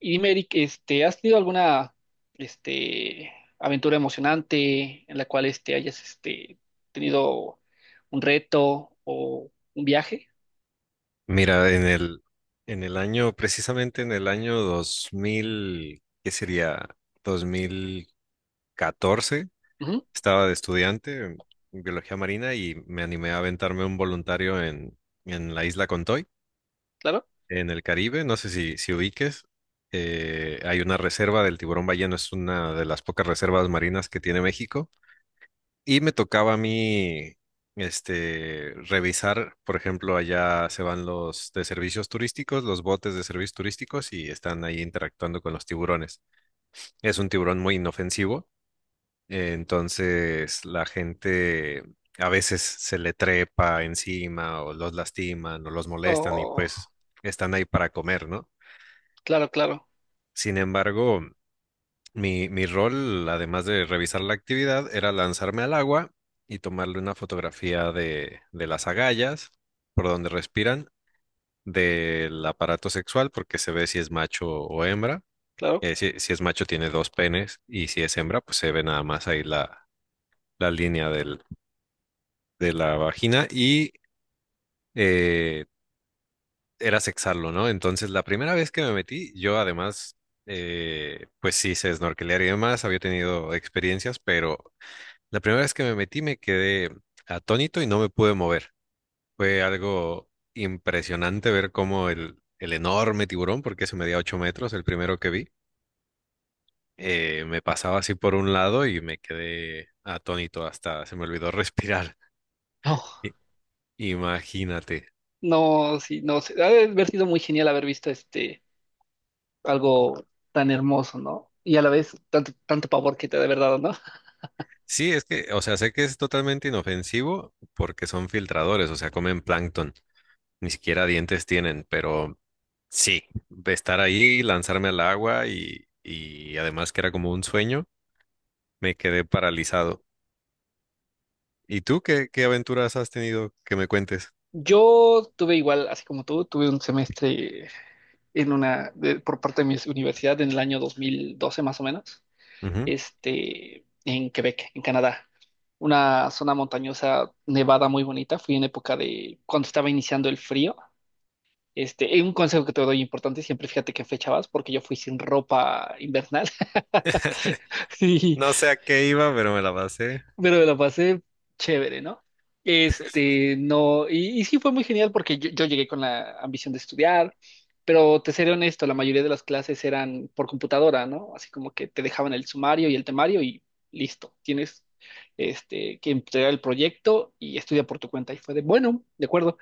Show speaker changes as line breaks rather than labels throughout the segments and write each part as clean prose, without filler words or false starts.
Y dime, Eric, ¿has tenido alguna, este, aventura emocionante en la cual, hayas, tenido un reto o un viaje?
Mira, en el año, precisamente en el año 2000, ¿qué sería? 2014,
Ujú,
estaba de estudiante en biología marina y me animé a aventarme un voluntario en la isla Contoy,
claro.
en el Caribe, no sé si ubiques. Hay una reserva del tiburón ballena. Es una de las pocas reservas marinas que tiene México y me tocaba a mí, este, revisar, por ejemplo, allá se van los de servicios turísticos, los botes de servicios turísticos y están ahí interactuando con los tiburones. Es un tiburón muy inofensivo. Entonces la gente a veces se le trepa encima o los lastiman o los molestan y
Oh,
pues están ahí para comer, ¿no?
claro, claro,
Sin embargo, mi rol, además de revisar la actividad, era lanzarme al agua y tomarle una fotografía de, las agallas, por donde respiran, del aparato sexual, porque se ve si es macho o hembra.
claro.
Si es macho, tiene dos penes, y si es hembra, pues se ve nada más ahí la línea de la vagina y eh, era sexarlo, ¿no? Entonces, la primera vez que me metí, yo además, pues sí sé snorkelear y demás, había tenido experiencias, pero la primera vez que me metí me quedé atónito y no me pude mover. Fue algo impresionante ver cómo el enorme tiburón, porque eso medía 8 metros, el primero que vi, me pasaba así por un lado y me quedé atónito hasta se me olvidó respirar.
Oh,
I- Imagínate.
no, sí, no, sé. Ha de haber sido muy genial haber visto, algo tan hermoso, ¿no? Y a la vez tanto, tanto pavor que te ha de haber dado, ¿no?
Sí, es que, o sea, sé que es totalmente inofensivo porque son filtradores, o sea, comen plancton, ni siquiera dientes tienen, pero sí, de estar ahí, lanzarme al agua y además que era como un sueño. Me quedé paralizado. ¿Y tú qué, aventuras has tenido que me cuentes?
Yo tuve igual, así como tú, tuve un semestre por parte de mi universidad en el año 2012 más o menos,
Ujú.
en Quebec, en Canadá. Una zona montañosa, nevada, muy bonita. Fui en época de cuando estaba iniciando el frío. Y un consejo que te doy importante: siempre fíjate qué fecha vas, porque yo fui sin ropa invernal. Sí,
No sé a qué iba, pero me la pasé
pero me lo pasé chévere, ¿no? No, sí fue muy genial, porque yo llegué con la ambición de estudiar, pero te seré honesto, la mayoría de las clases eran por computadora, ¿no? Así como que te dejaban el sumario y el temario y listo, tienes, que entregar el proyecto y estudia por tu cuenta. Y fue de, bueno, de acuerdo,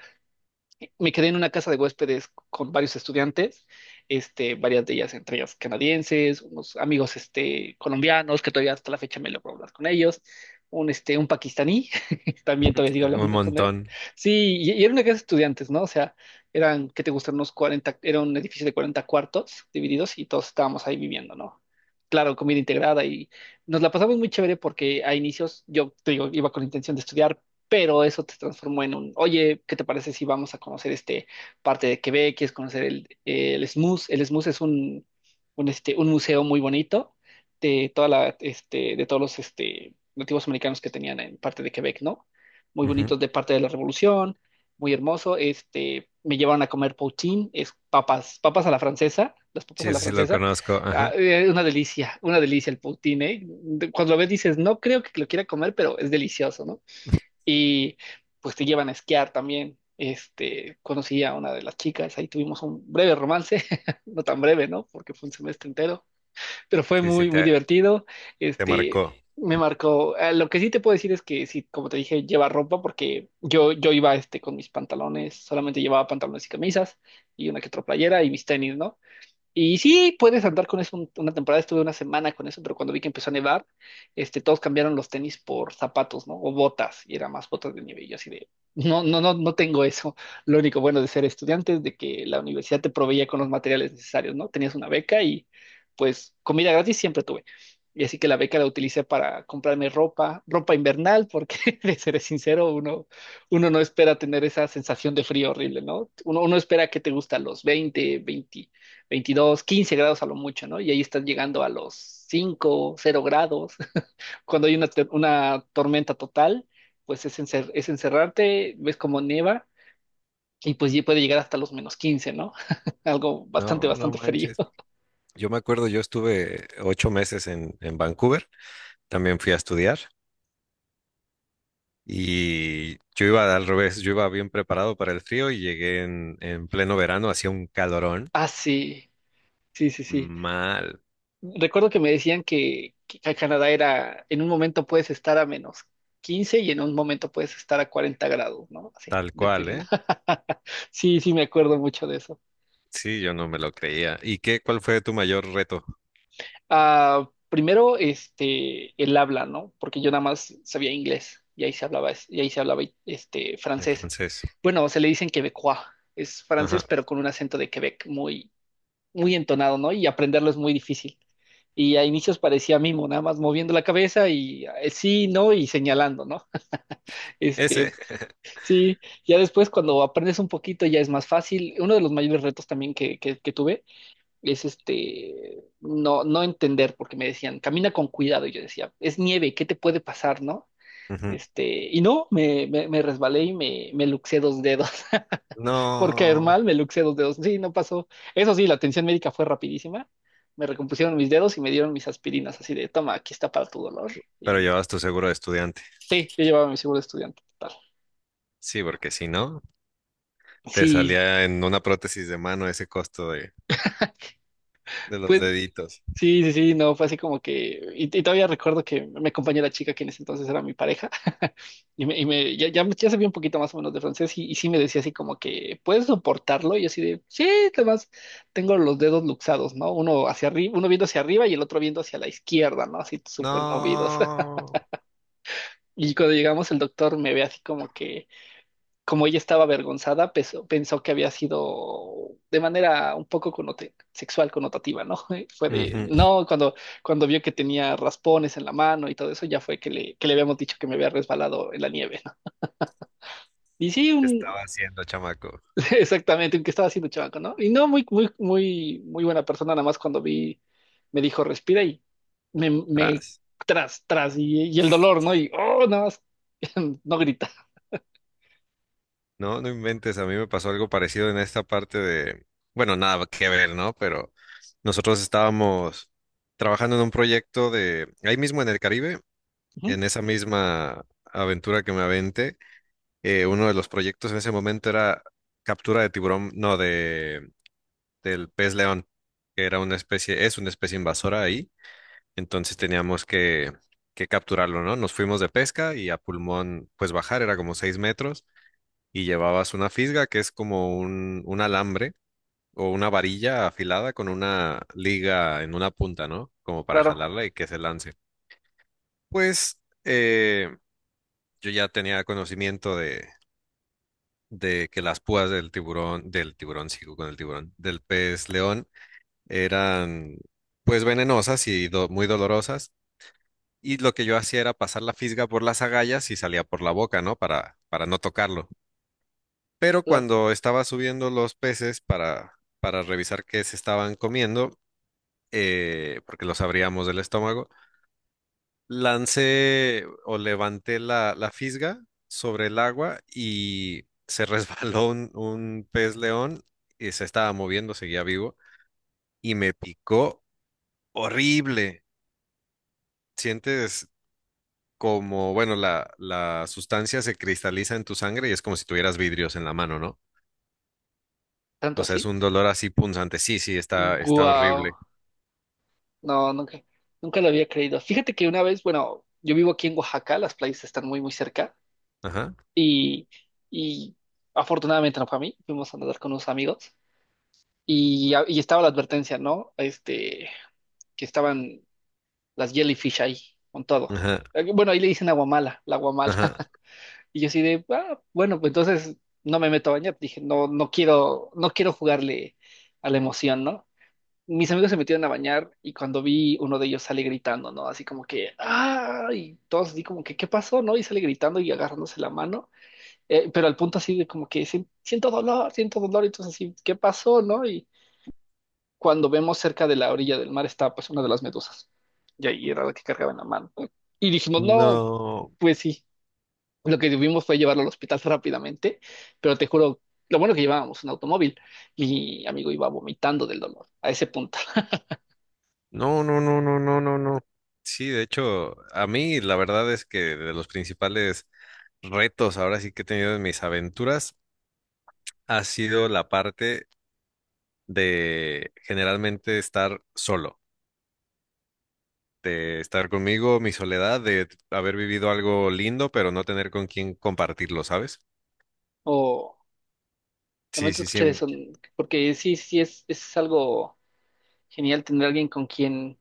me quedé en una casa de huéspedes con varios estudiantes, varias de ellas, entre ellas canadienses, unos amigos, colombianos, que todavía hasta la fecha me logro hablar con ellos, un pakistaní, también todavía sigo
un
hablando con él.
montón.
Sí, y era una casa de estudiantes, ¿no? O sea, eran, ¿qué te gustan?, unos 40, era un edificio de 40 cuartos divididos y todos estábamos ahí viviendo, ¿no? Claro, comida integrada. Y nos la pasamos muy chévere, porque a inicios, yo te digo, iba con la intención de estudiar, pero eso te transformó en oye, ¿qué te parece si vamos a conocer este parte de Quebec? ¿Quieres conocer el, SMUS? El SMUS es un museo muy bonito de todos los, nativos americanos que tenían en parte de Quebec, ¿no? Muy
Ujú.
bonitos de parte de la Revolución, muy hermoso. Me llevaron a comer poutine. Es papas, papas a la francesa, las papas
Sí,
a la
ese sí lo
francesa.
conozco.
Ah,
Ajá.
una delicia el poutine, ¿eh? Cuando lo ves dices: no creo que lo quiera comer, pero es delicioso, ¿no? Y pues te llevan a esquiar también. Conocí a una de las chicas, ahí tuvimos un breve romance, no tan breve, ¿no?, porque fue un semestre entero, pero fue
Sí, sí,
muy, muy
te,
divertido.
te
Este,
marcó.
me marcó. Lo que sí te puedo decir es que sí, como te dije, lleva ropa, porque yo iba, con mis pantalones, solamente llevaba pantalones y camisas y una que otra playera y mis tenis, ¿no? Y sí, puedes andar con eso. Una temporada estuve una semana con eso, pero cuando vi que empezó a nevar, todos cambiaron los tenis por zapatos, ¿no? O botas, y era más botas de nieve. Y yo así de, no, no, no, no tengo eso. Lo único bueno de ser estudiante es de que la universidad te proveía con los materiales necesarios, ¿no? Tenías una beca y pues comida gratis siempre tuve. Y así que la beca la utilicé para comprarme ropa, ropa invernal, porque de seré sincero, uno no espera tener esa sensación de frío horrible, ¿no? Uno espera que te gusta los 20 20, 22, 15 grados a lo mucho, ¿no? Y ahí estás llegando a los 5, 0 grados. Cuando hay una tormenta total, pues es encerrarte, ves como nieva y pues ya puede llegar hasta los menos 15, ¿no? Algo bastante,
No, no
bastante frío.
manches. Yo me acuerdo, yo estuve 8 meses en Vancouver, también fui a estudiar y yo iba al revés, yo iba bien preparado para el frío y llegué en pleno verano, hacía un calorón
Ah, sí, sí, sí, sí.
mal,
Recuerdo que me decían que, acá en Canadá era, en un momento puedes estar a menos 15 y en un momento puedes estar a 40 grados, ¿no? Así,
tal cual,
dependiendo.
¿eh?
Sí, sí, me acuerdo mucho de eso.
Sí, yo no me lo creía. ¿Y qué, cuál fue tu mayor reto?
Ah, primero, el habla, ¿no? Porque yo nada más sabía inglés y ahí se hablaba, es- y ahí se hablaba,
El
francés.
francés.
Bueno, se le dicen quebecois, es
Ajá.
francés, pero con un acento de Quebec muy, muy entonado, ¿no? Y aprenderlo es muy difícil. Y a inicios parecía mimo, nada más moviendo la cabeza y, sí, no, y señalando, ¿no?
Ese.
Este, sí, ya después, cuando aprendes un poquito, ya es más fácil. Uno de los mayores retos también, que, que tuve, es, no entender, porque me decían, camina con cuidado, y yo decía, es nieve, ¿qué te puede pasar, no?
Ujú.
Este, y no, me resbalé y me luxé dos dedos, por caer
No,
mal, me luxé dos dedos. Sí, no pasó, eso sí, la atención médica fue rapidísima, me recompusieron mis dedos y me dieron mis aspirinas, así de, toma, aquí está para tu dolor,
pero
y
llevabas tu seguro de estudiante.
sí, yo llevaba mi seguro de estudiante, total.
Sí, porque si no, te
Sí,
salía en una prótesis de mano ese costo de los
pues.
deditos.
Sí, sí, sí, no, fue así como que, y todavía recuerdo que me acompañó la chica que en ese entonces era mi pareja, ya, ya, ya sabía un poquito más o menos de francés, y sí me decía así como que, ¿puedes soportarlo? Y yo así de, sí, además tengo los dedos luxados, ¿no? Uno hacia arriba, uno viendo hacia arriba y el otro viendo hacia la izquierda, ¿no? Así súper movidos.
No.
Y cuando llegamos, el doctor me ve así como que, como ella estaba avergonzada, pensó que había sido de manera un poco sexual connotativa, ¿no? Fue de,
Ujú.
no, cuando vio que tenía raspones en la mano y todo eso, ya fue que le, habíamos dicho que me había resbalado en la nieve, ¿no? Y sí,
¿Qué
un.
estaba haciendo, chamaco?
Exactamente, un que estaba haciendo chamaco, ¿no? Y no, muy, muy, muy, muy buena persona. Nada más cuando vi, me dijo, respira, y me
Tras.
tras, tras, y el dolor, ¿no? Y, oh, nada más, no grita.
No, no inventes. A mí me pasó algo parecido en esta parte de, bueno, nada que ver, ¿no? Pero nosotros estábamos trabajando en un proyecto de, ahí mismo en el Caribe,
Ujú.
en esa misma aventura que me aventé. Uno de los proyectos en ese momento era captura de tiburón, no, de del pez león, que era una especie, es una especie invasora ahí, entonces teníamos que, capturarlo, ¿no? Nos fuimos de pesca y a pulmón, pues bajar era como 6 metros y llevabas una fisga que es como un alambre o una varilla afilada con una liga en una punta, ¿no? Como para
Claro,
jalarla y que se lance. Pues eh, yo ya tenía conocimiento de que las púas del tiburón, sigo con el tiburón, del pez león eran pues venenosas y muy dolorosas. Y lo que yo hacía era pasar la fisga por las agallas y salía por la boca, ¿no? Para no tocarlo. Pero
claro,
cuando estaba subiendo los peces para, revisar qué se estaban comiendo, porque los abríamos del estómago, lancé o levanté la, fisga sobre el agua y se resbaló un pez león y se estaba moviendo, seguía vivo y me picó horrible. Sientes como, bueno, la sustancia se cristaliza en tu sangre y es como si tuvieras vidrios en la mano, ¿no?
tanto
O sea, es
así.
un dolor así punzante. Sí, sí, está
Guau.
horrible.
No, nunca lo había creído. Fíjate que una vez, bueno, yo vivo aquí en Oaxaca, las playas están muy, muy cerca,
Ajá,
y, y afortunadamente no fue a mí, fuimos a nadar con unos amigos y estaba la advertencia, ¿no? Que estaban las jellyfish ahí, con todo.
ajá,
Bueno ahí le dicen aguamala, la aguamala.
ajá.
Y yo así de: "Ah, bueno, pues entonces no me meto a bañar". Dije, no, no quiero, no quiero jugarle a la emoción, ¿no? Mis amigos se metieron a bañar y cuando vi, uno de ellos sale gritando, ¿no? Así como que, ¡ah! Y todos así como que, ¿qué pasó? ¿No? Y sale gritando y agarrándose la mano, pero al punto así de como que: "Sien- siento dolor, siento dolor", y entonces así, ¿qué pasó? ¿No? Y cuando vemos, cerca de la orilla del mar está pues una de las medusas, y ahí era la que cargaba en la mano. Y dijimos, no,
No.
pues sí, lo que tuvimos fue llevarlo al hospital rápidamente, pero te juro, lo bueno que llevábamos un automóvil, mi amigo iba vomitando del dolor, a ese punto.
No, no, no, no, no, no, no. Sí, de hecho, a mí la verdad es que de los principales retos ahora sí que he tenido en mis aventuras ha sido la parte de generalmente estar solo, de estar conmigo, mi soledad, de haber vivido algo lindo, pero no tener con quién compartirlo, ¿sabes?
O
Sí,
Lamento
sí, sí.
escuchar eso, porque sí, sí es algo genial tener alguien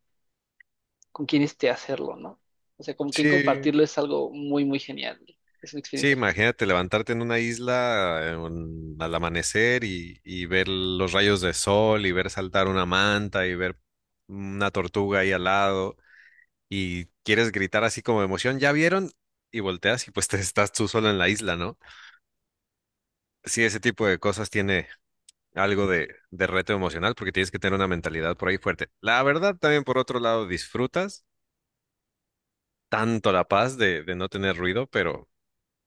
con quien este hacerlo, ¿no? O sea, con quien
Sí,
compartirlo es algo muy, muy genial. Es una
sí,
experiencia genial.
imagínate levantarte en una isla al amanecer y, ver los rayos de sol y ver saltar una manta y ver una tortuga ahí al lado y quieres gritar así como de emoción, ¿ya vieron? Y volteas y pues te estás tú solo en la isla, ¿no? Sí, ese tipo de cosas tiene algo de, reto emocional porque tienes que tener una mentalidad por ahí fuerte. La verdad, también por otro lado, disfrutas tanto la paz de, no tener ruido, pero,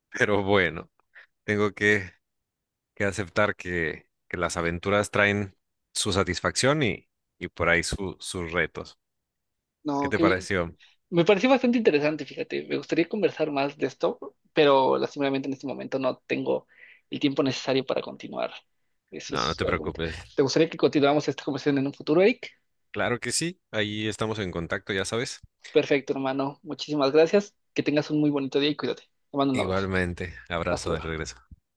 pero bueno, tengo que aceptar que, las aventuras traen su satisfacción y por ahí sus retos. ¿Qué
No,
te
qué bien.
pareció?
Me pareció bastante interesante, fíjate. Me gustaría conversar más de esto, pero lastimadamente en este momento no tengo el tiempo necesario para continuar. Eso
No, no
es
te
algo.
preocupes.
¿Te gustaría que continuáramos esta conversación en un futuro, Eric?
Claro que sí, ahí estamos en contacto, ya sabes.
Perfecto, hermano. Muchísimas gracias. Que tengas un muy bonito día y cuídate. Te mando un abrazo.
Igualmente,
Hasta
abrazo de
luego.
regreso.